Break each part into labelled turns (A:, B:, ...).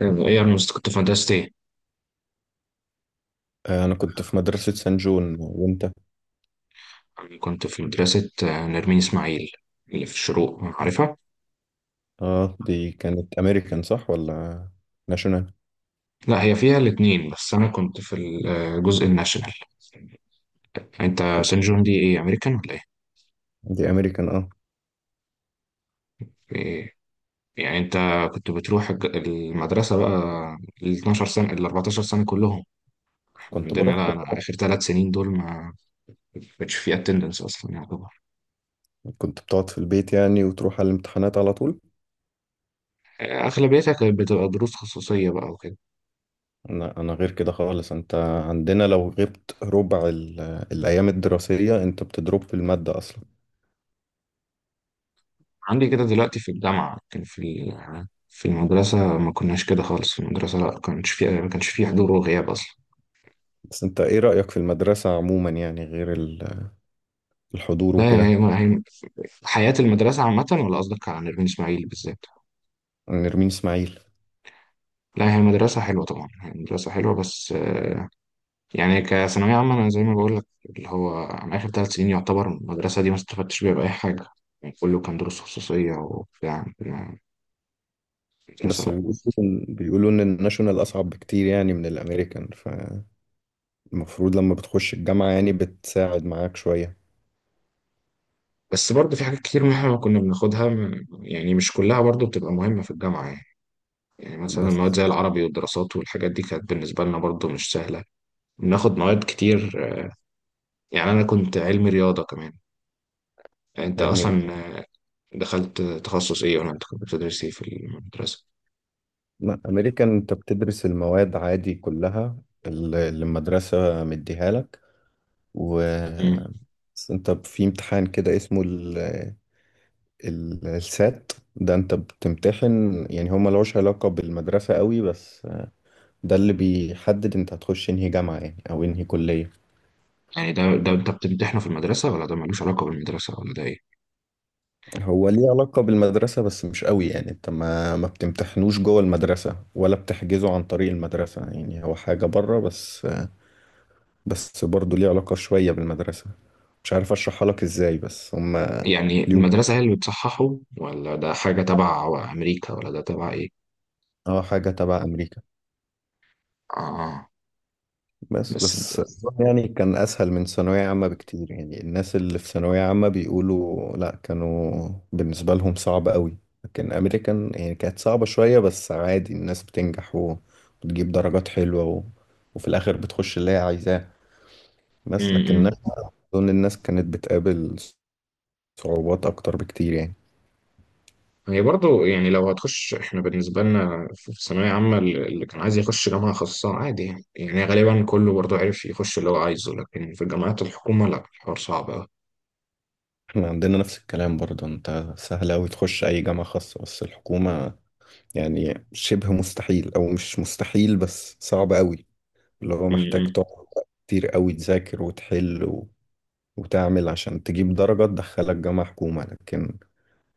A: طيب، ايه كنت في مدرسة ايه.
B: أنا كنت في مدرسة سان جون وأنت؟
A: أنا كنت في مدرسة نرمين اسماعيل اللي في الشروق عارفها.
B: آه، دي كانت أمريكان صح ولا ناشونال؟
A: لا هي فيها الاتنين بس انا كنت في الجزء الناشونال. انت سان جون دي ايه امريكان ولا ايه؟
B: دي أمريكان آه.
A: إيه؟ يعني انت كنت بتروح المدرسة بقى ال 12 سنة ال 14 سنة كلهم. إحنا
B: كنت
A: عندنا
B: بروح.
A: لا انا اخر ثلاث سنين دول ما كانش فيه اتندنس اصلا يعتبر.
B: كنت بتقعد في البيت يعني وتروح على الامتحانات على طول؟
A: اغلبيتها كانت بتبقى دروس خصوصية بقى وكده.
B: أنا غير كده خالص. أنت عندنا لو غبت ربع الأيام الدراسية، أنت بتضرب في المادة أصلا.
A: عندي كده دلوقتي في الجامعة كان في في المدرسة ما كناش كده خالص، في المدرسة لا كانش في، ما كانش في حضور وغياب أصلا.
B: بس أنت إيه رأيك في المدرسة عموما يعني غير الحضور
A: لا
B: وكده؟
A: حياة المدرسة عامة ولا قصدك على نرمين إسماعيل بالذات؟
B: نرمين إسماعيل.
A: لا هي مدرسة حلوة، طبعا هي مدرسة حلوة، بس يعني كثانوية عامة أنا زي ما بقول لك، اللي هو أنا آخر ثلاث سنين يعتبر المدرسة دي ما استفدتش بيها بأي حاجة. يعني كله كان دروس خصوصية وبتاع، مدرسة
B: بس
A: لا.
B: بيقولوا إن الناشونال أصعب بكتير يعني من الأمريكان، ف المفروض لما بتخش الجامعة يعني بتساعد معاك شوية.
A: بس برضه في حاجات كتير مهمة كنا بناخدها، يعني مش كلها برضه بتبقى مهمة في الجامعة يعني. يعني مثلا
B: بس
A: مواد زي العربي والدراسات والحاجات دي كانت بالنسبة لنا برضو مش سهلة. بناخد مواد كتير يعني، أنا كنت علمي رياضة كمان. يعني أنت
B: علمي
A: أصلا
B: رياضة.
A: دخلت تخصص إيه، ولا أنت كنت بتدرس إيه في المدرسة؟
B: لا، أمريكا أنت بتدرس المواد عادي كلها اللي المدرسة مديها لك. و
A: مم.
B: بس أنت في امتحان كده اسمه السات ده أنت بتمتحن، يعني هو ملوش علاقة بالمدرسة قوي، بس ده اللي بيحدد أنت هتخش انهي جامعة يعني أو انهي كلية.
A: يعني ده أنت بتمتحنه في المدرسة، ولا ده ملوش علاقة بالمدرسة، ولا ده إيه؟
B: هو ليه علاقة بالمدرسة بس مش قوي، يعني انت ما بتمتحنوش جوه المدرسة ولا بتحجزه عن طريق المدرسة، يعني هو حاجة بره بس. بس برضه ليه علاقة شوية بالمدرسة. مش عارف اشرحها لك ازاي بس هم
A: يعني
B: اليوم.
A: المدرسة هي اللي بتصححه، ولا ده حاجة تبع أمريكا، ولا ده تبع إيه؟
B: اه، حاجة تبع امريكا.
A: آه.
B: بس،
A: بس.
B: بس يعني كان أسهل من ثانوية عامة بكتير، يعني الناس اللي في ثانوية عامة بيقولوا لأ، كانوا بالنسبة لهم صعب قوي. لكن أمريكان يعني كانت صعبة شوية بس عادي، الناس بتنجح و- وتجيب درجات حلوة و... وفي الآخر بتخش اللي هي عايزاه. بس لكن
A: مم.
B: أنا أظن الناس كانت بتقابل صعوبات أكتر بكتير يعني.
A: هي برضو يعني لو هتخش، احنا بالنسبة لنا في ثانوية عامة، اللي كان عايز يخش جامعة خاصة عادي يعني، يعني غالبا كله برضو عرف يخش اللي هو عايزه، لكن في جامعات الحكومة لا، الحوار صعب أوي.
B: احنا عندنا نفس الكلام برضه. انت سهل أوي تخش أي جامعة خاصة، بس الحكومة يعني شبه مستحيل، أو مش مستحيل بس صعب أوي. اللي هو محتاج
A: م-م.
B: تقعد كتير قوي تذاكر وتحل و... وتعمل عشان تجيب درجة تدخلك جامعة حكومة. لكن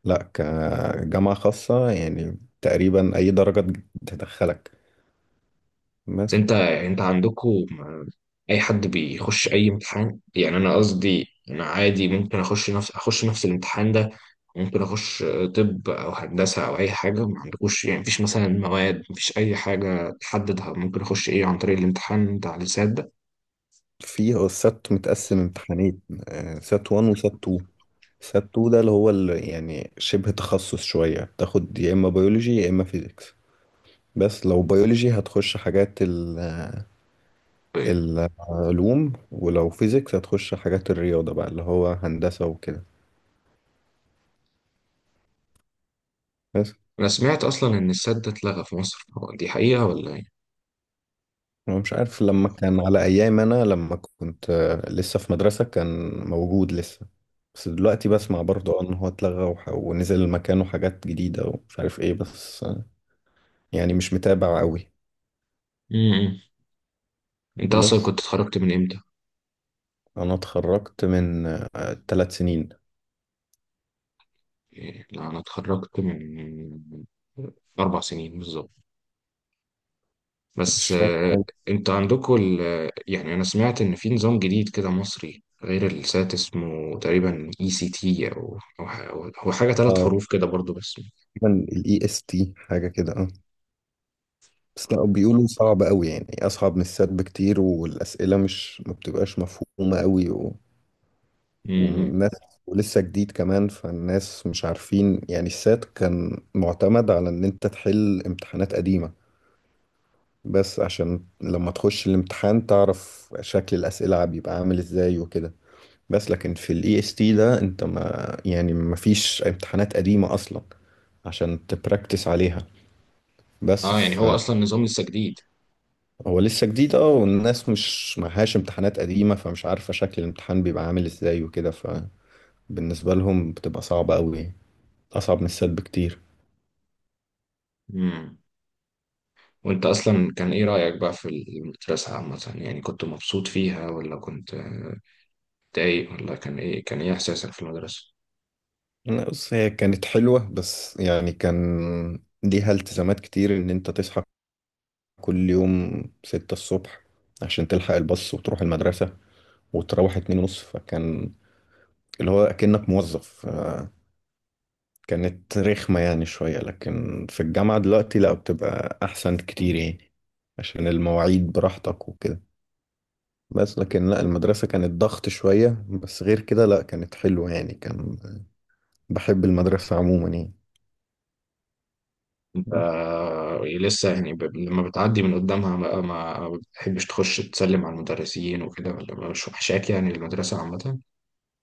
B: لا كجامعة خاصة يعني تقريبا أي درجة تدخلك.
A: بس
B: بس
A: انت عندكم أي حد بيخش أي امتحان. يعني أنا قصدي أنا عادي ممكن أخش نفس الامتحان ده، ممكن أخش طب أو هندسة أو أي حاجة، ما عندكوش يعني مفيش مثلا مواد، مفيش أي حاجة تحددها، ممكن أخش إيه عن طريق الامتحان بتاع اللسات
B: فيه السات متقسم امتحانين. سات
A: ده.
B: 1 وسات 2. سات 2 ده اللي هو اللي يعني شبه تخصص شوية. تاخد يا إما بيولوجي يا إما فيزيكس. بس لو بيولوجي هتخش حاجات العلوم، ولو فيزيكس هتخش حاجات الرياضة بقى اللي هو هندسة وكده. بس
A: أنا سمعت أصلا إن السد ده اتلغى في مصر، هو دي حقيقة ولا إيه؟
B: أنا مش عارف. لما كان على أيام أنا، لما كنت لسه في مدرسة، كان موجود لسه. بس دلوقتي بسمع برضه إن هو اتلغى ونزل مكانه حاجات جديدة ومش عارف إيه، بس. يعني مش متابع قوي.
A: امم أنت أصلا
B: بس
A: كنت اتخرجت من إمتى؟
B: أنا اتخرجت من تلات سنين.
A: إيه، لا أنا اتخرجت من أربع سنين بالظبط.
B: مش
A: بس
B: فاكر.
A: أنت عندكم يعني أنا سمعت إن في نظام جديد كده مصري غير السات، اسمه تقريبا اي سي تي، هو حاجة ثلاث
B: اه،
A: حروف كده برضو بس.
B: تقريبا ال EST، حاجة كده اه. بس لا، بيقولوا صعب قوي يعني أصعب من السات بكتير، والأسئلة مش ما بتبقاش مفهومة قوي.
A: امم.
B: والناس، ولسه جديد كمان، فالناس مش عارفين. يعني السات كان معتمد على ان انت تحل امتحانات قديمة بس عشان لما تخش الامتحان تعرف شكل الأسئلة بيبقى عامل ازاي وكده. بس لكن في الاي اس تي ده، انت ما يعني ما فيش امتحانات قديمة اصلا عشان تبراكتس عليها، بس
A: اه يعني هو
B: فهو
A: اصلا نظام لسه جديد.
B: لسه جديد اه. والناس مش معهاش امتحانات قديمة، فمش عارفة شكل الامتحان بيبقى عامل ازاي وكده. فبالنسبة لهم بتبقى صعبة قوي، أصعب من السد بكتير.
A: امم. وانت اصلا كان ايه رأيك بقى في المدرسة عامة، يعني كنت مبسوط فيها ولا كنت متضايق، ولا كان ايه احساسك في المدرسة؟
B: أنا بص، هي كانت حلوة بس يعني كان ليها التزامات كتير، إن أنت تصحى كل يوم ستة الصبح عشان تلحق الباص وتروح المدرسة، وتروح اتنين ونص. فكان اللي هو أكنك موظف. كانت رخمة يعني شوية، لكن في الجامعة دلوقتي لأ، بتبقى أحسن كتير يعني. عشان المواعيد براحتك وكده. بس لكن لأ، المدرسة كانت ضغط شوية، بس غير كده لأ كانت حلوة يعني، كان بحب المدرسة عموما يعني.
A: انت لسه يعني لما بتعدي من قدامها بقى ما بتحبش تخش تسلم على المدرسين وكده، ولا مش وحشاك يعني المدرسة عامة؟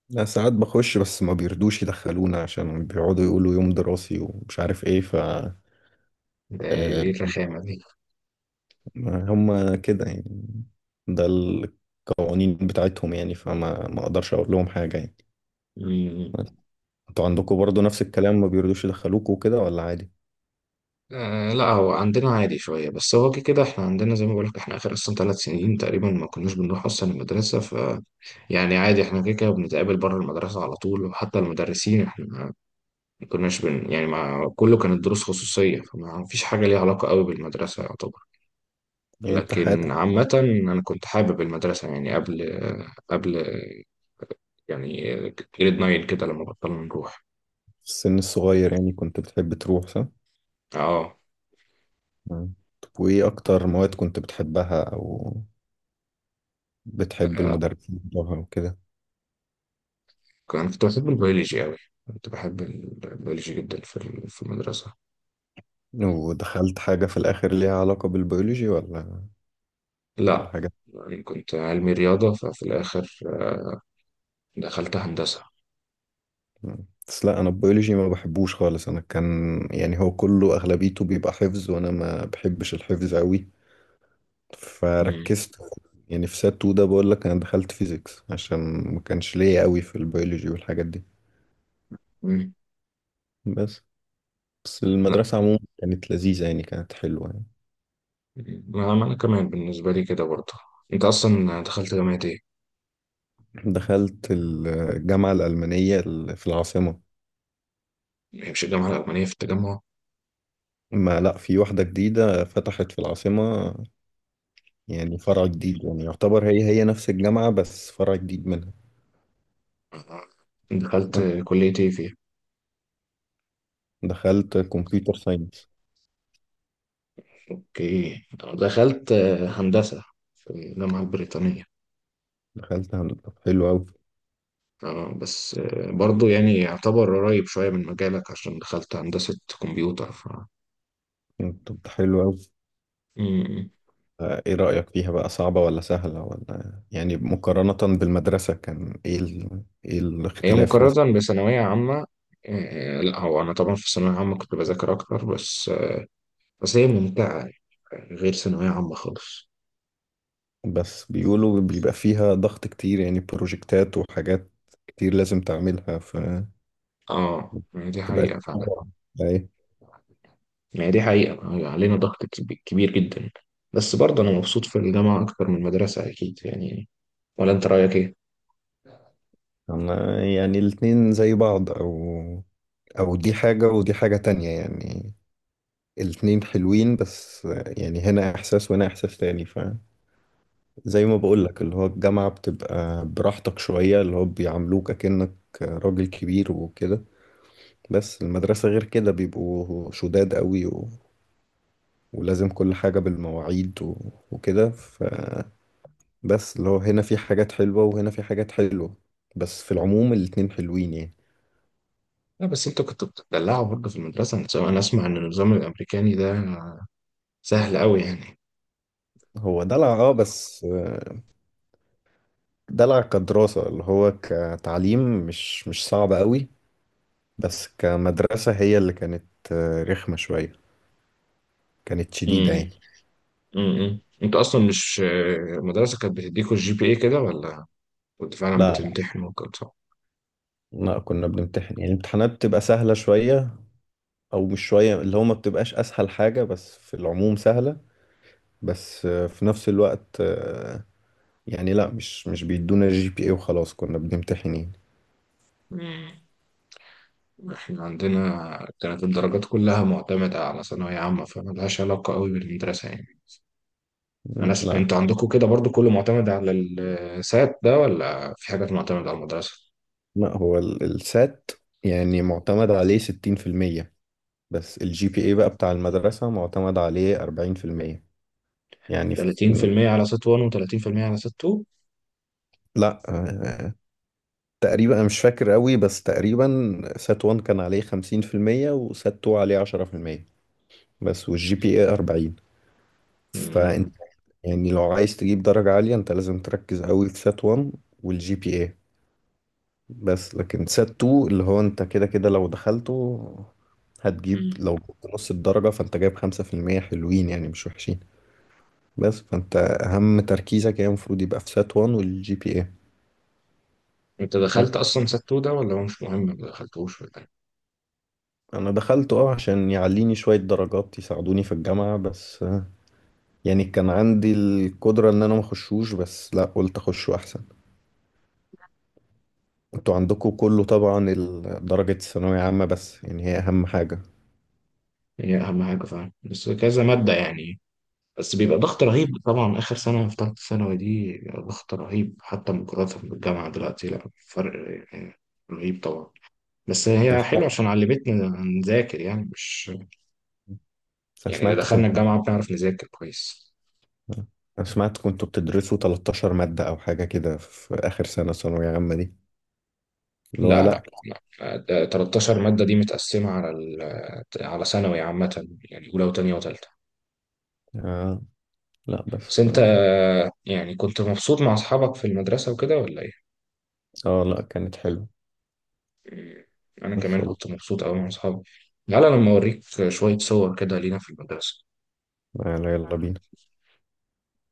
B: لا، ساعات بخش بس ما بيرضوش يدخلونا، عشان بيقعدوا يقولوا يوم دراسي ومش عارف ايه، ف
A: ده
B: آه،
A: ايه الرخامة دي؟
B: هم كده يعني. ده القوانين بتاعتهم يعني، فما ما اقدرش اقول لهم حاجة يعني.
A: مم.
B: انتوا عندكم برضو نفس الكلام، ما بيرضوش يدخلوكوا وكده، ولا عادي؟
A: آه لا هو عندنا عادي شوية، بس هو كده كده احنا عندنا زي ما بقولك، احنا آخر أصلا ثلاث سنين تقريبا ما كناش بنروح أصلا المدرسة. يعني عادي احنا كده كده بنتقابل بره المدرسة على طول، وحتى المدرسين احنا ما كناش بن يعني ما، كله كانت دروس خصوصية، فما فيش حاجة ليها علاقة قوي بالمدرسة يعتبر.
B: يعني انت
A: لكن
B: حياتك
A: عامة أنا كنت حابب المدرسة يعني قبل يعني جريد 9 كده، لما بطلنا نروح.
B: في السن الصغير يعني كنت بتحب تروح صح؟
A: اه.
B: مم. طب وايه اكتر مواد كنت بتحبها، او بتحب المدرسين بتوعها وكده؟
A: كان كنت بحب البيولوجي قوي. كنت بحب البيولوجي جدا في في المدرسة.
B: ودخلت حاجة في الآخر ليها علاقة بالبيولوجي، ولا
A: لا
B: حاجة؟
A: يعني كنت علمي رياضة، ففي الآخر دخلت هندسة.
B: مم. بس لا، انا البيولوجي ما بحبوش خالص. انا كان يعني هو كله اغلبيته بيبقى حفظ، وانا ما بحبش الحفظ قوي.
A: مم.
B: فركزت يعني في سات 2 ده، بقول لك انا دخلت فيزيكس عشان ما كانش ليا قوي في البيولوجي والحاجات دي.
A: مم.
B: بس بس المدرسة عموما كانت لذيذة يعني، كانت حلوة يعني.
A: ما ما انا كمان بالنسبه لي كده برضه. انت اصلا دخلت جامعه ايه؟
B: دخلت الجامعة الألمانية، في العاصمة.
A: هي مش الجامعه الاولانيه في التجمع؟
B: ما لا، في واحدة جديدة فتحت في العاصمة. يعني فرع جديد، يعني يعتبر هي نفس الجامعة بس فرع جديد منها.
A: دخلت كليه ايه فيها؟
B: دخلت كمبيوتر ساينس.
A: اوكي. دخلت هندسه في الجامعه البريطانيه.
B: دخلت هندسة. طب حلو أوي.
A: آه، بس آه، برضه يعني يعتبر قريب شويه من مجالك عشان دخلت هندسه كمبيوتر، ف.
B: طب ده حلو أوي.
A: مم.
B: إيه رأيك فيها بقى، صعبة ولا سهلة، ولا يعني مقارنة بالمدرسة كان إيه إيه
A: هي
B: الاختلاف مثلا؟
A: مقارنه بثانويه عامه، لا هو انا طبعا في الثانويه العامه كنت بذاكر اكتر، بس هي ممتعه يعني، غير ثانويه عامه خالص.
B: بس بيقولوا بيبقى فيها ضغط كتير، يعني بروجكتات وحاجات كتير لازم تعملها، ف
A: اه يعني دي
B: تبقى
A: حقيقه فعلا.
B: أي.
A: يعني دي حقيقة علينا ضغط كبير جدا. بس برضه أنا مبسوط في الجامعة أكتر من المدرسة أكيد يعني. ولا أنت رأيك إيه؟
B: أنا يعني الاتنين زي بعض، أو أو دي حاجة ودي حاجة تانية يعني. الاتنين حلوين بس. يعني هنا إحساس وهنا إحساس تاني. زي ما بقولك اللي هو الجامعة بتبقى براحتك شوية، اللي هو بيعاملوك أكنك راجل كبير وكده. بس المدرسة غير كده، بيبقوا شداد قوي و... ولازم كل حاجة بالمواعيد و... وكده. فبس اللي هو هنا في حاجات حلوة وهنا في حاجات حلوة. بس في العموم الاتنين حلوين يعني.
A: لا بس أنت كنت بتدلعه برضه في المدرسة. أنا أسمع إن النظام الأمريكاني ده سهل أوي يعني.
B: هو دلع اه، بس. دلع كدراسة، اللي هو كتعليم مش صعب قوي. بس كمدرسة، هي اللي كانت رخمة شوية. كانت شديدة
A: امم.
B: يعني.
A: امم. أنت أصلا مش المدرسة كانت بتديكوا الجي بي إيه كده، ولا كنت فعلا
B: لا،
A: بتمتحنوا وكده صح؟
B: لا كنا بنمتحن يعني، الامتحانات بتبقى سهلة شوية، أو مش شوية، اللي هو ما بتبقاش أسهل حاجة بس في العموم سهلة. بس، في نفس الوقت، يعني لا، مش بيدونا جي بي اي وخلاص، كنا بنمتحن يعني.
A: مم. إحنا عندنا كانت الدرجات كلها معتمدة على ثانوية عامة، فملهاش علاقة أوي بالمدرسة يعني. انا
B: لا.
A: انتوا عندكم كده برضو كله معتمد على السات ده، ولا في حاجات معتمدة على المدرسة؟
B: لا، هو السات يعني معتمد عليه ستين في المية. بس الجي بي اي بقى بتاع المدرسة معتمد عليه أربعين في المية، يعني في.
A: 30% على سات 1 و30% على سات 2.
B: لا آه، تقريبا أنا مش فاكر قوي، بس تقريبا سات 1 كان عليه خمسين في المية وسات 2 عليه عشرة في المية. بس والجي بي اي 40. فانت
A: مم.
B: يعني لو عايز تجيب درجة عالية، انت لازم تركز قوي في سات 1 والجي بي اي. بس لكن سات 2، اللي هو انت كده كده لو دخلته هتجيب،
A: مم.
B: لو جبت نص الدرجة فانت جايب خمسة في المية، حلوين يعني مش وحشين. بس فانت اهم تركيزك يعني المفروض يبقى في سات 1 والجي بي اي.
A: انت
B: بس
A: دخلت اصلا سات 2 ده، ولا هو مش مهم ما دخلتوش ولا ايه؟
B: انا دخلت اه، عشان يعليني شوية درجات يساعدوني في الجامعة بس آه، يعني كان عندي القدرة ان انا ما اخشوش، بس لا قلت اخشه احسن. انتوا عندكم كله طبعا درجة الثانوية عامة، بس يعني هي أهم حاجة.
A: هي اهم حاجة فعلا بس كذا مادة يعني. بس بيبقى ضغط رهيب طبعا، اخر سنة في ثالثة ثانوي دي بيبقى ضغط رهيب حتى مقارنة بالجامعة دلوقتي لا فرق يعني. رهيب طبعا. بس
B: أنا
A: هي حلوة
B: سمعت
A: عشان علمتنا نذاكر يعني، مش
B: أنا
A: يعني، إذا
B: سمعت
A: دخلنا
B: كنت
A: الجامعة بنعرف نذاكر كويس.
B: أنا سمعت كنتوا بتدرسوا 13 مادة أو حاجة كده في آخر سنة ثانوية عامة دي، اللي هو
A: لا لا
B: لأ.
A: لا، ده 13 مادة دي متقسمة على على ثانوي عامة يعني أولى وتانية وتالتة.
B: آه لأ،
A: بس
B: بس
A: أنت
B: آه.
A: يعني كنت مبسوط مع أصحابك في المدرسة وكده ولا إيه؟
B: لأ كانت حلوة.
A: أنا
B: بس
A: كمان كنت مبسوط أوي مع أصحابي. تعالى لما أوريك شوية صور كده لينا في المدرسة.
B: يلا يلا بينا.